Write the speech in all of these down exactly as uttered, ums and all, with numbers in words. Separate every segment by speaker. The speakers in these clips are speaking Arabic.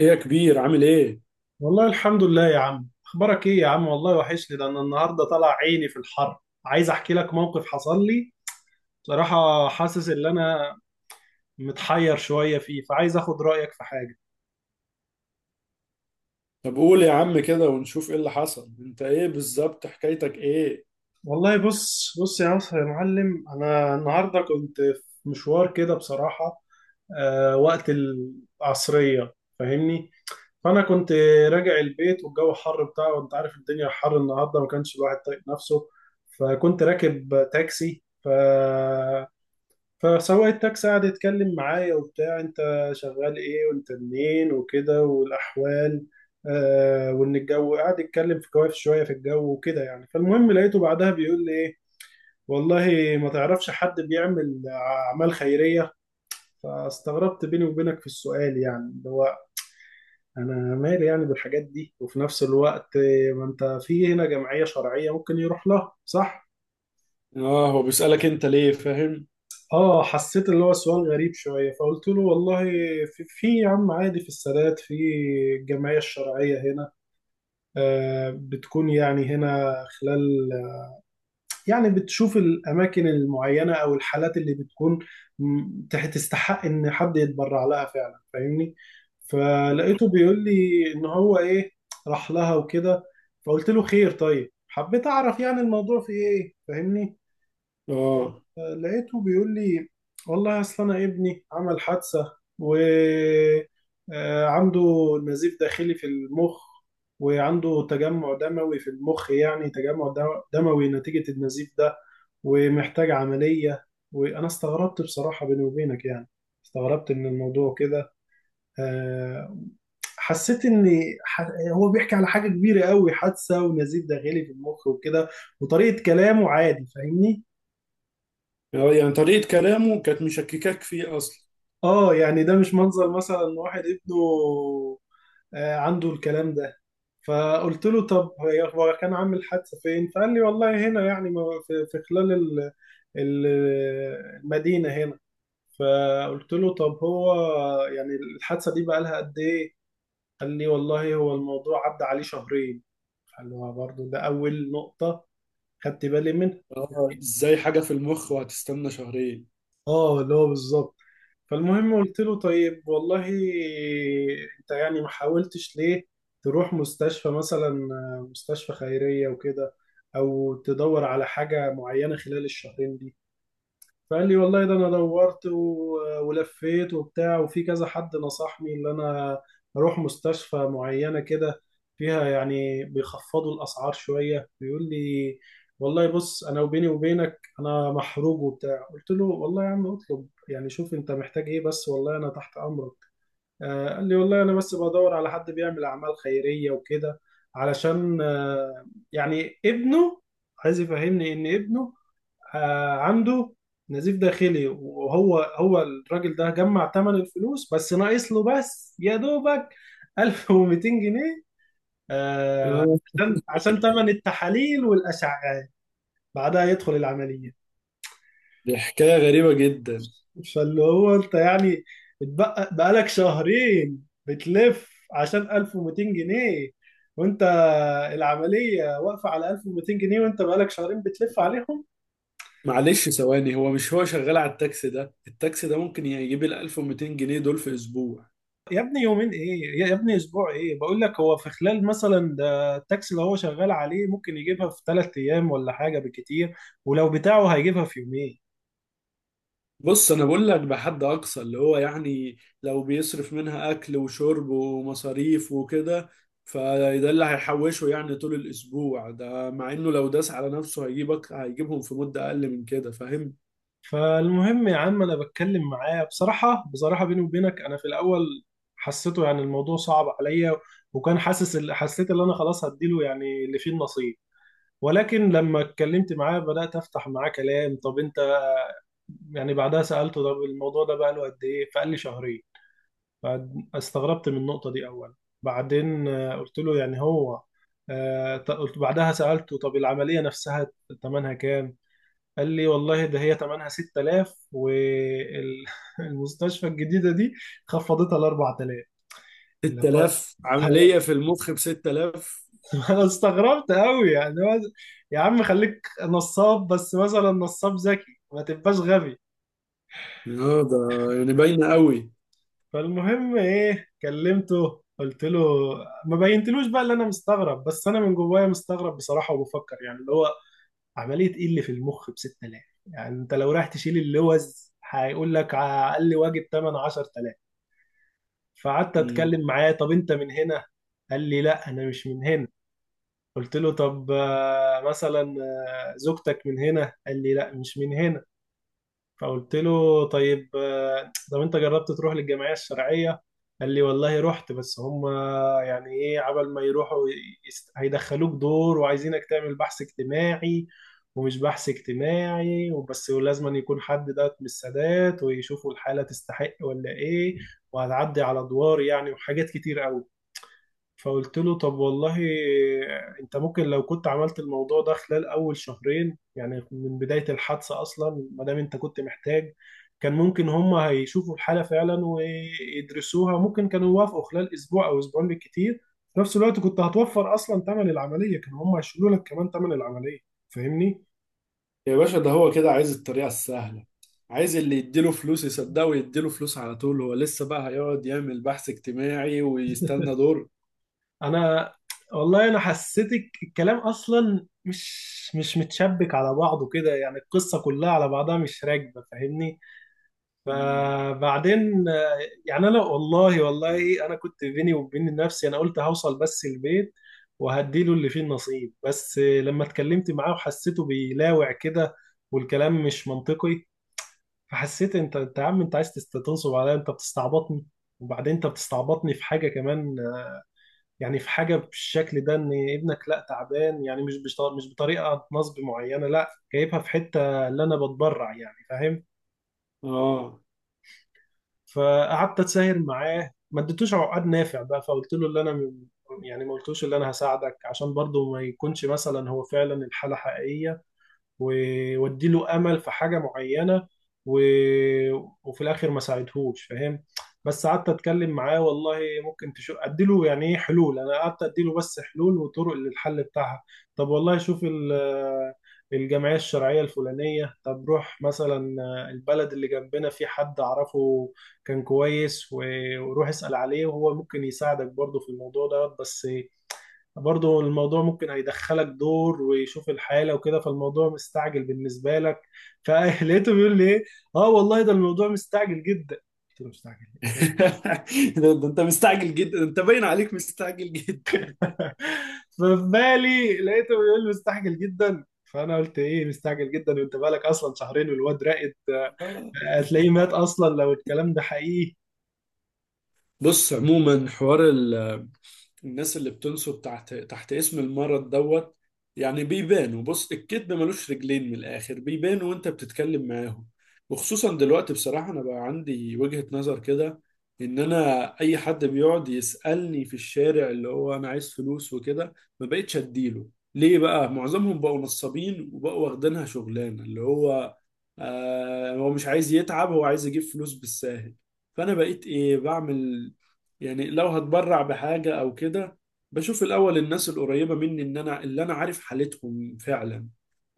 Speaker 1: ايه يا كبير، عامل ايه؟
Speaker 2: والله الحمد لله يا عم، اخبارك ايه يا عم؟ والله وحشني. ده انا النهارده طالع عيني في الحر، عايز احكي لك موقف حصل لي. بصراحة حاسس ان انا متحير شوية فيه، فعايز اخد رأيك في حاجة.
Speaker 1: طب قول يا عم كده ونشوف ايه اللي حصل، انت ايه بالظبط؟ حكايتك ايه؟
Speaker 2: والله بص بص يا عصر يا معلم، انا النهارده كنت في مشوار كده بصراحة. آه وقت العصرية فاهمني، فانا كنت راجع البيت والجو حر بتاعه، وانت عارف الدنيا حر النهارده، ما كانش الواحد طايق نفسه. فكنت راكب تاكسي ف فسواق التاكسي قعد يتكلم معايا وبتاع، انت شغال ايه وانت منين وكده والاحوال. آه وان الجو قعد يتكلم في كواف شويه في الجو وكده يعني. فالمهم لقيته بعدها بيقول لي ايه، والله ما تعرفش حد بيعمل اعمال خيريه؟ فاستغربت بيني وبينك في السؤال، يعني اللي هو انا مالي يعني بالحاجات دي. وفي نفس الوقت آه، ما انت في هنا جمعيه شرعيه ممكن يروح لها صح.
Speaker 1: اه، هو بيسألك انت ليه؟ فاهم؟
Speaker 2: اه، حسيت اللي هو سؤال غريب شوية، فقلت له والله في, في يا عم عادي في السادات في الجمعية الشرعية هنا، آه بتكون يعني هنا خلال، يعني بتشوف الأماكن المعينة أو الحالات اللي بتكون م- تح- تستحق إن حد يتبرع لها فعلا فاهمني.
Speaker 1: مم.
Speaker 2: فلقيته بيقول لي إن هو إيه، راح لها وكده. فقلت له خير، طيب حبيت أعرف يعني الموضوع في إيه فاهمني.
Speaker 1: اه،
Speaker 2: آه، لقيته بيقول لي والله اصل انا ابني عمل حادثه، و آه، عنده نزيف داخلي في المخ، وعنده تجمع دموي في المخ، يعني تجمع دم- دموي نتيجه النزيف ده، ومحتاج عمليه. وانا استغربت بصراحه بيني وبينك، يعني استغربت من الموضوع كده. آه، حسيت ان ح- هو بيحكي على حاجه كبيره قوي، حادثه ونزيف داخلي في المخ وكده، وطريقه كلامه عادي فاهمني.
Speaker 1: يعني طريقة كلامه كانت مشككاك فيه اصلا.
Speaker 2: اه يعني ده مش منظر مثلا إن واحد ابنه آه، عنده الكلام ده. فقلت له طب هي- هو كان عامل حادثة فين؟ فقال لي والله هنا يعني، ما- في في خلال ال- ال- المدينة هنا. فقلت له طب هو يعني الحادثة دي بقالها قد ايه؟ قال لي والله هو الموضوع عدى عليه شهرين. قال له آه، برضه ده أول نقطة خدت بالي منها.
Speaker 1: اه، ازاي حاجة في المخ وهتستنى شهرين؟
Speaker 2: اه اللي هو بالظبط. فالمهم قلت له طيب والله انت يعني ما حاولتش ليه تروح مستشفى مثلا، آه، مستشفى خيرية وكده، او تدور على حاجة معينة خلال الشهرين دي؟ فقال لي والله ده انا دورت و- ولفيت وبتاع، وفي كذا حد نصحني ان انا اروح مستشفى معينة كده فيها يعني بيخفضوا الاسعار شوية بيقول لي. والله بص انا وبيني وبينك انا محروق وبتاع، قلت له والله يا عم اطلب يعني، شوف انت محتاج ايه بس والله انا تحت امرك. آه، قال لي والله انا بس بدور على حد بيعمل اعمال خيرية وكده علشان آه، يعني ابنه، عايز يفهمني ان ابنه آه، عنده نزيف داخلي، وهو هو الراجل ده جمع ثمن الفلوس، بس ناقص له بس يا دوبك ألف ومايتين جنيه، آه،
Speaker 1: اه،
Speaker 2: عشان عشان ثمن التحاليل والاشعاعات، بعدها يدخل العمليه.
Speaker 1: دي حكاية غريبة جدا.
Speaker 2: فاللي هو انت يعني اتبقى بقالك شهرين بتلف عشان ألف ومايتين جنيه، وانت العمليه واقفه على ألف ومئتين جنيه وانت بقالك شهرين بتلف عليهم؟
Speaker 1: معلش ثواني، هو مش هو شغال على التاكسي ده التاكسي ده ممكن يجيب ال ألف ومئتين جنيه دول في اسبوع.
Speaker 2: يا ابني يومين ايه، يا يا ابني اسبوع ايه؟ بقول لك هو في خلال مثلا، ده التاكسي اللي هو شغال عليه ممكن يجيبها في ثلاث ايام ولا حاجه بالكتير، ولو بتاعه هيجيبها في يومين.
Speaker 1: بص انا بقول لك بحد اقصى اللي هو يعني لو بيصرف منها اكل وشرب ومصاريف وكده، فده اللي هيحوشه يعني طول الاسبوع ده، مع انه لو داس على نفسه هيجيبك هيجيبهم في مدة اقل من كده. فاهم؟
Speaker 2: فالمهم يا عم انا بتكلم معاه بصراحه، بصراحه بيني وبينك انا في الاول حسيته يعني الموضوع صعب عليا، وكان حاسس حسيت ان انا خلاص هديله يعني اللي فيه النصيب. ولكن لما اتكلمت معاه بدات افتح معاه كلام، طب انت يعني، بعدها سالته طب الموضوع ده بقى له قد ايه؟ فقال لي شهرين. بعد استغربت من النقطة دي أولا. بعدين آه، قلت له يعني هو آه، ط- قلت بعدها سألته طب العملية نفسها تمنها كام؟ قال لي والله ده هي تمنها ستة آلاف، والمستشفى الجديدة دي خفضتها ل أربعة آلاف، اللي هو
Speaker 1: ستة آلاف؟ عملية في المخ ب ستة آلاف؟
Speaker 2: أنا استغربت قوي يعني هو- يا عم خليك نصاب، بس مثلا نصاب ذكي، ما تبقاش غبي.
Speaker 1: اه، ده يعني باينة قوي.
Speaker 2: فالمهم ايه كلمته قلت له ما بينتلوش بقى اللي انا مستغرب، بس انا من جوايا مستغرب بصراحه، وبفكر يعني اللي هو عمليه ايه اللي في المخ ب ستة آلاف؟ يعني انت لو رايح تشيل اللوز هيقول لك على اقل واجب تمنية عشرت الاف. فقعدت
Speaker 1: مم.
Speaker 2: اتكلم معاه، طب انت من هنا؟ قال لي لا انا مش من هنا. قلت له طب آه، مثلا آه، زوجتك من هنا؟ قال لي لا مش من هنا. فقلت له طيب آه، طب انت جربت تروح للجمعيه الشرعيه؟ قال لي والله رحت، بس هم يعني ايه عبل ما يروحوا، يست- هيدخلوك دور، وعايزينك تعمل بحث اجتماعي. ومش بحث اجتماعي وبس، ولازم أن يكون حد ده من السادات ويشوفوا الحاله تستحق ولا ايه، وهتعدي على ادوار يعني، وحاجات كتير قوي. فقلت له طب والله انت ممكن لو كنت عملت الموضوع ده خلال اول شهرين، يعني من بداية الحادثة اصلا، ما دام انت كنت محتاج، كان ممكن هم هيشوفوا الحالة فعلا ويدرسوها، ممكن كانوا يوافقوا خلال اسبوع او اسبوعين بالكتير. في نفس الوقت كنت هتوفر اصلا ثمن العملية، كانوا هم هيشيلوا لك كمان ثمن العملية فاهمني.
Speaker 1: يا باشا، ده هو كده عايز الطريقة السهلة، عايز اللي يديله فلوس يصدقه ويديله فلوس على طول. هو لسه بقى هيقعد يعمل بحث اجتماعي ويستنى دور؟
Speaker 2: انا والله انا حسيتك الكلام اصلا مش مش متشبك على بعضه كده، يعني القصة كلها على بعضها مش راكبة فاهمني.
Speaker 1: مم.
Speaker 2: فبعدين آه، يعني انا والله، والله انا كنت بيني وبين نفسي انا قلت هوصل بس البيت وهديله اللي فيه النصيب. بس آه، لما اتكلمت معاه وحسيته بيلاوع كده والكلام مش منطقي، فحسيت انت انت يا عم انت عايز تست- تنصب عليا، انت بتستعبطني. وبعدين انت بتستعبطني في حاجه كمان، آه، يعني في حاجه بالشكل ده، ان ابنك لا تعبان، يعني مش بش- مش بطريقه نصب معينه، لا جايبها في حته اللي انا بتبرع يعني فاهم.
Speaker 1: اه.
Speaker 2: فقعدت اتساهر معاه ما اديتوش عقد نافع بقى، فقلت له اللي انا م- يعني ما قلتوش اللي انا هساعدك، عشان برضه ما يكونش مثلا هو فعلا الحالة حقيقية، وودي له امل في حاجه معينه، و... وفي الاخر ما ساعدهوش فاهم. بس قعدت اتكلم معاه، والله ممكن تشوف ادي له يعني ايه حلول، انا قعدت ادي له بس حلول وطرق للحل بتاعها، طب والله شوف ال- الجمعيه الشرعيه الفلانيه، طب روح مثلا البلد اللي جنبنا في حد اعرفه كان كويس و- وروح اسال عليه، وهو ممكن يساعدك برضه في الموضوع ده، بس برضو الموضوع ممكن هيدخلك دور ويشوف الحالة وكده، فالموضوع مستعجل بالنسبة لك. فلقيته بيقول لي ايه، اه والله ده الموضوع مستعجل جدا. قلت له مستعجل ليه؟ يعني
Speaker 1: ده ده انت مستعجل جدا، انت باين عليك مستعجل جدا.
Speaker 2: ففي بالي لقيته بيقول لي مستعجل جدا، فانا قلت ايه مستعجل جدا، وانت بالك اصلا شهرين والواد راقد،
Speaker 1: آه.
Speaker 2: هتلاقيه مات اصلا لو الكلام ده حقيقي.
Speaker 1: بص عموما، حوار ال الناس اللي بتنسب تحت تحت اسم المرض دوت، يعني بيبانوا. بص، الكذب ملوش رجلين من الآخر، بيبانوا وانت بتتكلم معاهم. وخصوصا دلوقتي بصراحة انا بقى عندي وجهة نظر كده، ان انا اي حد بيقعد يسألني في الشارع اللي هو انا عايز فلوس وكده، ما بقتش اديله. ليه؟ بقى معظمهم بقوا نصابين وبقوا واخدينها شغلانة اللي هو، آه هو مش عايز يتعب، هو عايز يجيب فلوس بالساهل. فانا بقيت ايه بعمل؟ يعني لو هتبرع بحاجة أو كده، بشوف الأول الناس القريبة مني إن أنا اللي أنا عارف حالتهم فعلا،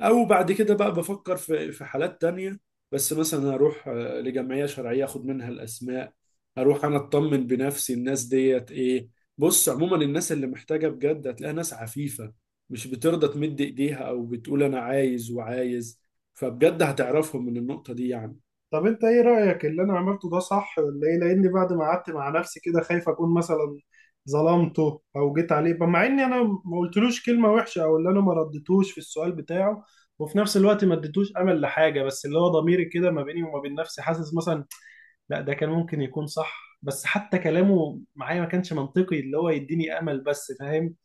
Speaker 1: أو بعد كده بقى بفكر في في حالات تانية. بس مثلا هروح آه، لجمعية شرعية أخد منها الأسماء، هروح أنا أطمن بنفسي الناس ديت إيه. بص عموما، الناس اللي محتاجة بجد هتلاقيها ناس عفيفة، مش بترضى تمد إيديها أو بتقول أنا عايز وعايز. فبجد هتعرفهم من النقطة دي يعني.
Speaker 2: طب انت ايه رأيك اللي انا عملته ده صح ولا ايه؟ لاني بعد ما قعدت مع نفسي كده خايف اكون مثلا ظلمته او جيت عليه، مع اني انا ما قلتلوش كلمة وحشة، او اللي انا ما ردتوش في السؤال بتاعه، وفي نفس الوقت ما اديتوش امل لحاجة. بس اللي هو ضميري كده ما بيني وما بين نفسي حاسس مثلا لا ده كان ممكن يكون صح، بس حتى كلامه معايا ما كانش منطقي اللي هو يديني امل بس فاهم.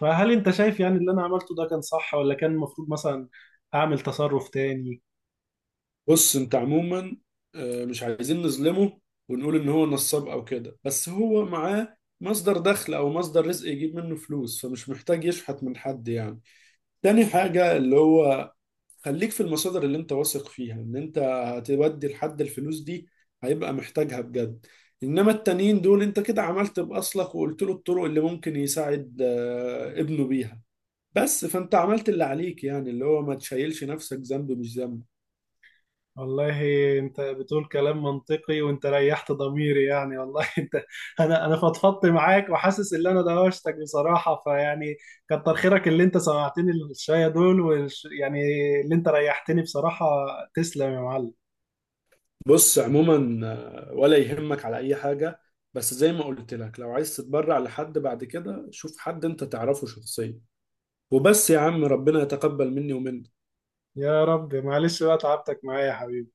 Speaker 2: فهل انت شايف يعني اللي انا عملته ده كان صح، ولا كان المفروض مثلا اعمل تصرف تاني؟
Speaker 1: بص انت عموما، آه، مش عايزين نظلمه ونقول ان هو نصاب او كده، بس هو معاه مصدر دخل او مصدر رزق يجيب منه فلوس، فمش محتاج يشحت من حد يعني. تاني حاجة اللي هو، خليك في المصادر اللي انت واثق فيها ان انت هتودي لحد الفلوس دي، هيبقى محتاجها بجد. انما التانيين دول، انت كده عملت باصلك وقلت له الطرق اللي ممكن يساعد آه، ابنه بيها، بس. فانت عملت اللي عليك، يعني اللي هو ما تشيلش نفسك ذنب مش ذنب.
Speaker 2: والله انت بتقول كلام منطقي، وانت ريحت ضميري يعني، والله انت انا انا فضفضت معاك، وحاسس ان انا دوشتك بصراحه فيعني، كتر خيرك اللي انت سمعتني الشويه دول والش... يعني اللي انت ريحتني بصراحه. تسلم يا معلم.
Speaker 1: بص عموما آه، ولا يهمك على اي حاجه، بس زي ما قلت لك لو عايز تتبرع لحد بعد كده شوف حد انت تعرفه شخصيا. وبس يا عم، ربنا يتقبل مني ومنك.
Speaker 2: يا رب، معلش بقى تعبتك معايا يا حبيبي.